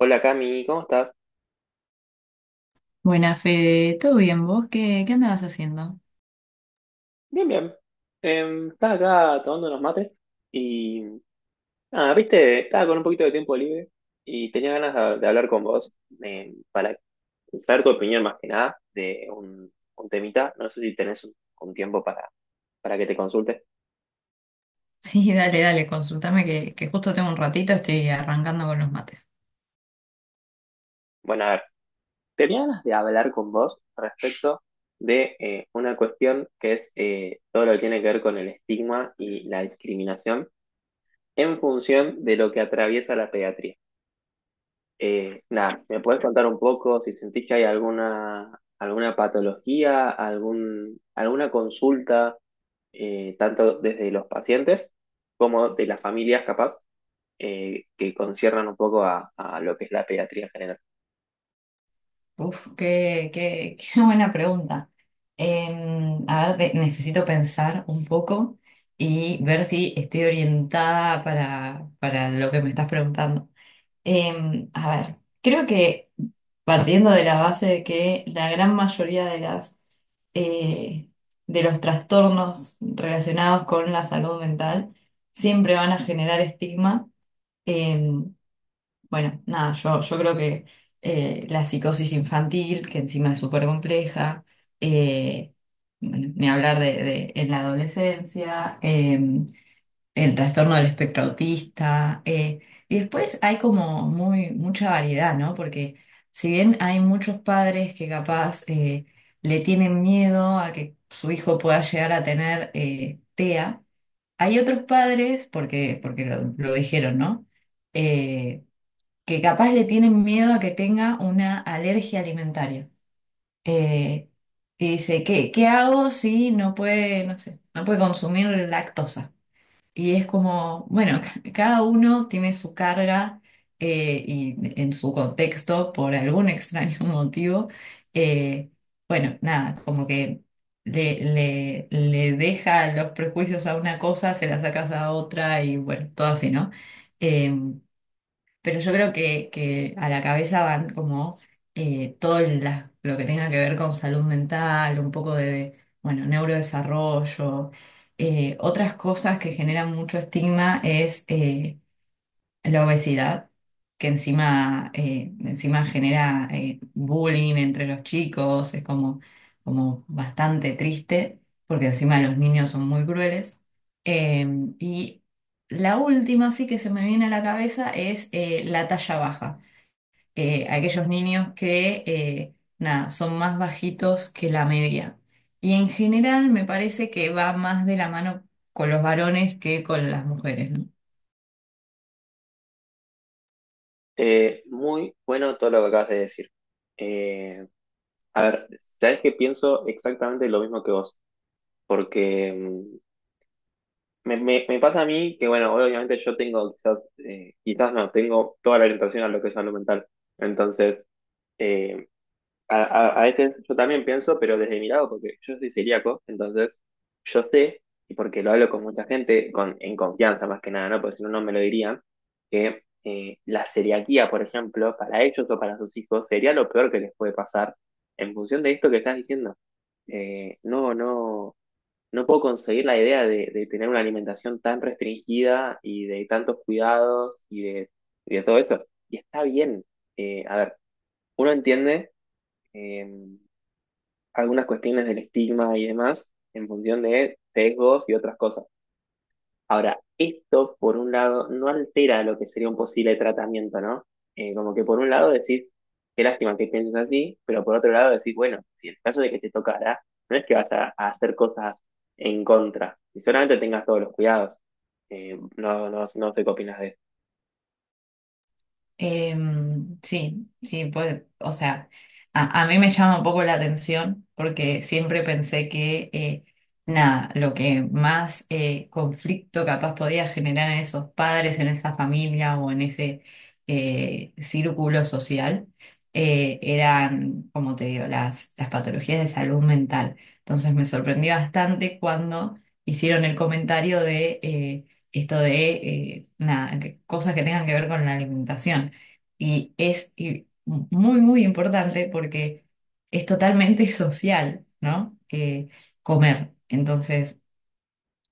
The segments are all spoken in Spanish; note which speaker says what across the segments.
Speaker 1: Hola Cami, ¿cómo estás?
Speaker 2: Buena Fede, ¿todo bien vos? ¿¿Qué andabas haciendo?
Speaker 1: Bien, bien. Estaba acá tomando unos mates y... Ah, viste, estaba con un poquito de tiempo libre y tenía ganas de hablar con vos para saber tu opinión más que nada de un temita. No sé si tenés un tiempo para que te consulte.
Speaker 2: Sí, dale, dale, consultame que justo tengo un ratito, estoy arrancando con los mates.
Speaker 1: Bueno, a ver, tenía ganas de hablar con vos respecto de una cuestión que es todo lo que tiene que ver con el estigma y la discriminación en función de lo que atraviesa la pediatría. Nada, ¿me puedes contar un poco si sentís que hay alguna patología, alguna consulta, tanto desde los pacientes como de las familias, capaz, que conciernan un poco a lo que es la pediatría en general?
Speaker 2: Uf, qué buena pregunta. Eh, a ver, necesito pensar un poco y ver si estoy orientada para lo que me estás preguntando. A ver, creo que partiendo de la base de que la gran mayoría de las eh, de los trastornos relacionados con la salud mental siempre van a generar estigma. Eh, bueno, nada, yo creo que la psicosis infantil, que encima es súper compleja. eh, bueno, ni hablar de en la adolescencia. El trastorno del espectro autista. Y después hay como muy, mucha variedad, ¿no? Porque si bien hay muchos padres que capaz le tienen miedo a que su hijo pueda llegar a tener TEA, hay otros padres, porque, porque lo dijeron, ¿no? Eh, que capaz le tienen miedo a que tenga una alergia alimentaria. Eh, y dice, ¿¿qué hago si no puede, no sé, no puede consumir lactosa? Y es como, bueno, cada uno tiene su carga y en su contexto por algún extraño motivo. eh, bueno, nada, como que le deja los prejuicios a una cosa, se la sacas a otra y bueno, todo así, ¿no? Em, pero yo creo que a la cabeza van como todo lo que tenga que ver con salud mental, un poco de, bueno, neurodesarrollo. Otras cosas que generan mucho estigma es la obesidad, que encima, encima genera bullying entre los chicos, es como, como bastante triste, porque encima los niños son muy crueles. Eh, y la última sí que se me viene a la cabeza es la talla baja. Aquellos niños que nada, son más bajitos que la media. Y en general me parece que va más de la mano con los varones que con las mujeres, ¿no?
Speaker 1: Muy bueno todo lo que acabas de decir. Eh, a ver, sabes que pienso exactamente lo mismo que vos, porque me pasa a mí que, bueno, obviamente yo tengo quizás, quizás no, tengo toda la orientación a lo que es salud mental. Entonces, eh, a veces yo también pienso, pero desde mi lado, porque yo soy celíaco, entonces yo sé, y porque lo hablo con mucha gente, con, en confianza más que nada, ¿no? Porque si no, no me lo dirían, que la celiaquía, por ejemplo, para ellos o para sus hijos, sería lo peor que les puede pasar en función de esto que estás diciendo. Eh, no, no no puedo conseguir la idea de tener una alimentación tan restringida y de tantos cuidados y de todo eso. Y está bien. A ver, uno entiende eh, algunas cuestiones del estigma y demás en función de sesgos y otras cosas. Ahora, esto por un lado no altera lo que sería un posible tratamiento, ¿no? Como que por un lado decís, qué lástima que pienses así, pero por otro lado decís, bueno, si en el caso de que te tocara, no es que vas a hacer cosas en contra, y solamente tengas todos los cuidados. No sé qué opinas de eso.
Speaker 2: Sí, sí, pues, o sea, a mí me llama un poco la atención porque siempre pensé que, nada, lo que más conflicto capaz podía generar en esos padres, en esa familia o en ese círculo social, eran, como te digo, las patologías de salud mental. Entonces me sorprendí bastante cuando hicieron el comentario de esto de, nada, cosas que tengan que ver con la alimentación. Y es y muy, muy importante porque es totalmente social, ¿no? Comer. Entonces,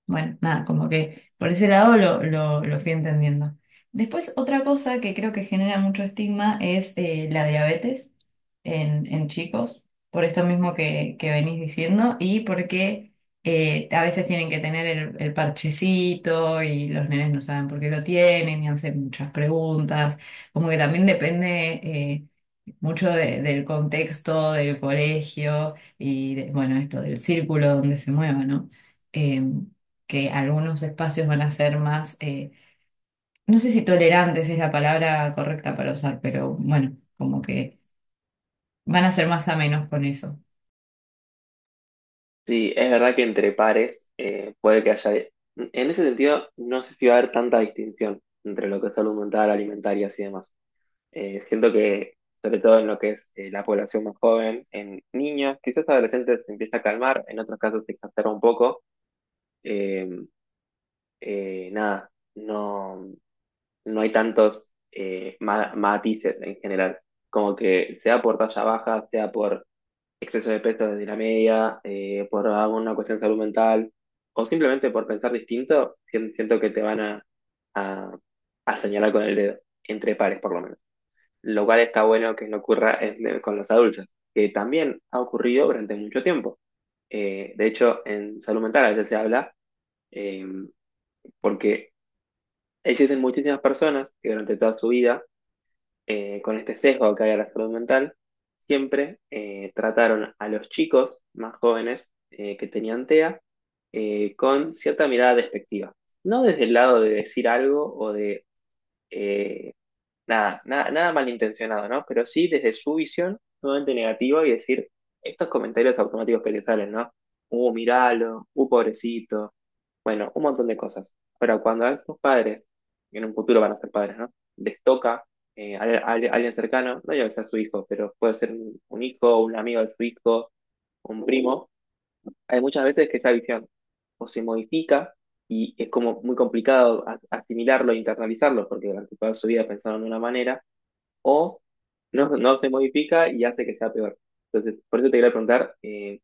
Speaker 2: bueno, nada, como que por ese lado lo fui entendiendo. Después, otra cosa que creo que genera mucho estigma es la diabetes en chicos, por esto mismo que venís diciendo y porque a veces tienen que tener el parchecito y los nenes no saben por qué lo tienen y hacen muchas preguntas, como que también depende mucho del contexto, del colegio y bueno, esto del círculo donde se mueva, ¿no? Em, que algunos espacios van a ser más, no sé si tolerantes es la palabra correcta para usar, pero bueno, como que van a ser más amenos con eso.
Speaker 1: Sí, es verdad que entre pares puede que haya... En ese sentido, no sé si va a haber tanta distinción entre lo que es salud mental, alimentaria y demás. Siento que, sobre todo en lo que es la población más joven, en niños, quizás adolescentes se empieza a calmar, en otros casos se exacerba un poco. Eh, nada, no, No hay tantos matices en general. Como que sea por talla baja, sea por exceso de peso desde la media, por alguna cuestión de salud mental, o simplemente por pensar distinto, siento que te van a, a señalar con el dedo, entre pares por lo menos, lo cual está bueno que no ocurra con los adultos, que también ha ocurrido durante mucho tiempo. De hecho, en salud mental a veces se habla eh, porque existen muchísimas personas que durante toda su vida, con este sesgo que hay a la salud mental, siempre trataron a los chicos más jóvenes que tenían TEA con cierta mirada despectiva. No desde el lado de decir algo o de eh, nada, nada, nada malintencionado, ¿no? Pero sí desde su visión totalmente negativa y decir estos comentarios automáticos que le salen, ¿no? Miralo, pobrecito. Bueno, un montón de cosas. Pero cuando a estos padres, que en un futuro van a ser padres, ¿no? Les toca a alguien cercano, no ya que sea su hijo, pero puede ser un hijo, un amigo de su hijo, un primo. Hay muchas veces que esa visión o se modifica y es como muy complicado asimilarlo e internalizarlo, porque durante toda su vida pensaron de una manera o no se modifica y hace que sea peor. Entonces, por eso te quería preguntar,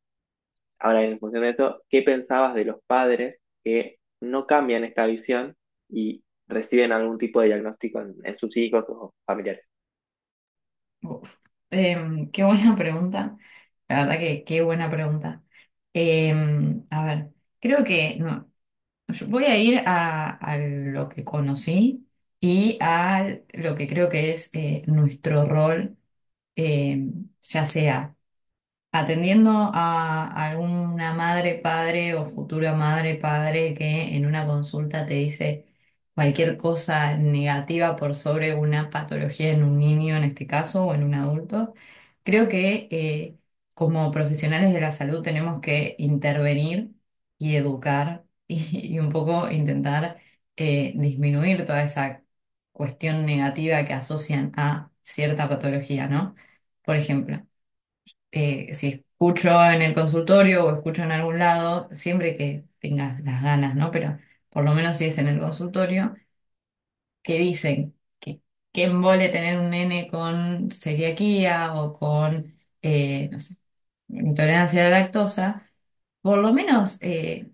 Speaker 1: ahora en función de eso, ¿qué pensabas de los padres que no cambian esta visión y reciben algún tipo de diagnóstico en sus hijos o familiares?
Speaker 2: Uf. Em, qué buena pregunta. La verdad que qué buena pregunta. Em, a ver, creo que no, yo voy a ir a lo que conocí y a lo que creo que es nuestro rol, em, ya sea atendiendo a alguna madre, padre o futura madre, padre que en una consulta te dice cualquier cosa negativa por sobre una patología en un niño en este caso o en un adulto, creo que como profesionales de la salud tenemos que intervenir y educar y un poco intentar disminuir toda esa cuestión negativa que asocian a cierta patología, ¿no? Por ejemplo si escucho en el consultorio o escucho en algún lado, siempre que tengas las ganas, ¿no? Pero por lo menos si es en el consultorio, que dicen que qué embole tener un nene con celiaquía o con, no sé, intolerancia a la lactosa, por lo menos.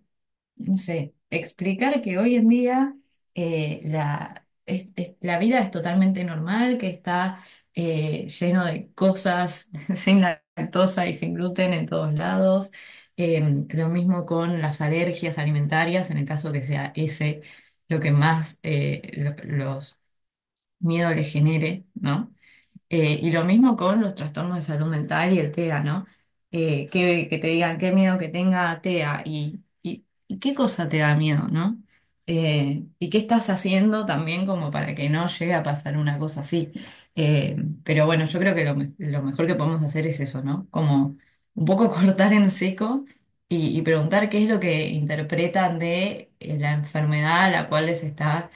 Speaker 2: No sé, explicar que hoy en día la, la vida es totalmente normal, que está lleno de cosas sin lactosa y sin gluten en todos lados. Lo mismo con las alergias alimentarias, en el caso que sea ese lo que más los miedos les genere, ¿no? Y lo mismo con los trastornos de salud mental y el TEA, ¿no? Que te digan qué miedo que tenga TEA y qué cosa te da miedo, ¿no? Y qué estás haciendo también como para que no llegue a pasar una cosa así. Eh, pero bueno, yo creo que lo, lo mejor que podemos hacer es eso, ¿no? Como un poco cortar en seco y preguntar qué es lo que interpretan de la enfermedad a la cual les está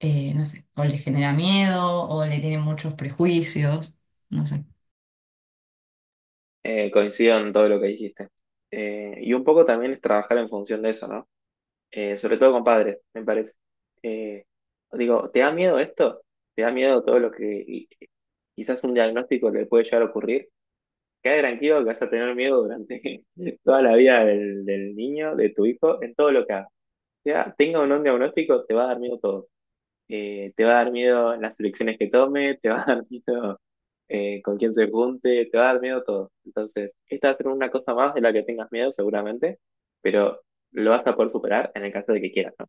Speaker 2: no sé, o les genera miedo o le tienen muchos prejuicios, no sé.
Speaker 1: Coincido en todo lo que dijiste. Y un poco también es trabajar en función de eso, ¿no? Sobre todo con padres, me parece. Eh, Digo, ¿te da miedo esto? ¿Te da miedo todo lo quizás un diagnóstico le puede llegar a ocurrir? Quédate tranquilo que vas a tener miedo durante toda la vida del niño, de tu hijo, en todo lo que haga. Tenga o no un diagnóstico, te va a dar miedo todo. Te va a dar miedo las elecciones que tome, te va a dar miedo con quién se junte, te va a dar miedo todo. Entonces, esta va a ser una cosa más de la que tengas miedo seguramente, pero lo vas a poder superar en el caso de que quieras, ¿no?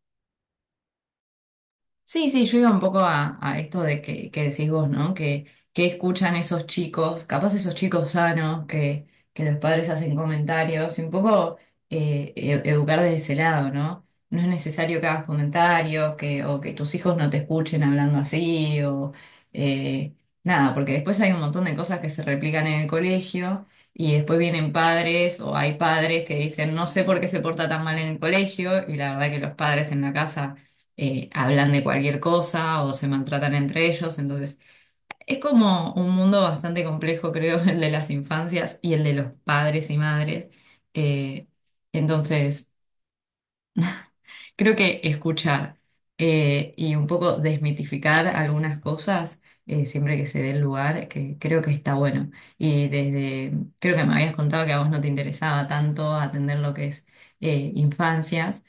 Speaker 2: Sí, sí, yo iba un poco a esto de que decís vos, ¿no? Que escuchan esos chicos, capaz esos chicos sanos que los padres hacen comentarios y un poco educar desde ese lado, ¿no? No es necesario que hagas comentarios que, o que tus hijos no te escuchen hablando así o eh, nada, porque después hay un montón de cosas que se replican en el colegio y después vienen padres o hay padres que dicen, no sé por qué se porta tan mal en el colegio y la verdad que los padres en la casa hablan de cualquier cosa o se maltratan entre ellos. Entonces, es como un mundo bastante complejo, creo, el de las infancias y el de los padres y madres. Eh, entonces, creo que escuchar y un poco desmitificar algunas cosas. Siempre que se dé el lugar, que creo que está bueno. Y desde, creo que me habías contado que a vos no te interesaba tanto atender lo que es infancias.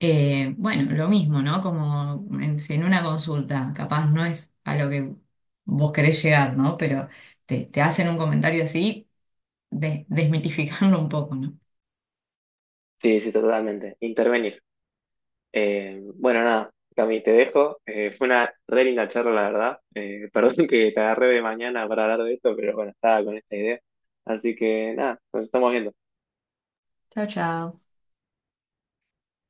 Speaker 2: Bueno, lo mismo, ¿no? Como en, si en una consulta, capaz no es a lo que vos querés llegar, ¿no? Pero te hacen un comentario así, desmitificarlo un poco, ¿no?
Speaker 1: Sí, sí, totalmente. Intervenir. Bueno, nada, Cami, te dejo. Fue una re linda charla, la verdad. Perdón que te agarré de mañana para hablar de esto, pero bueno, estaba con esta idea. Así que nada, nos estamos viendo.
Speaker 2: Chao, chao.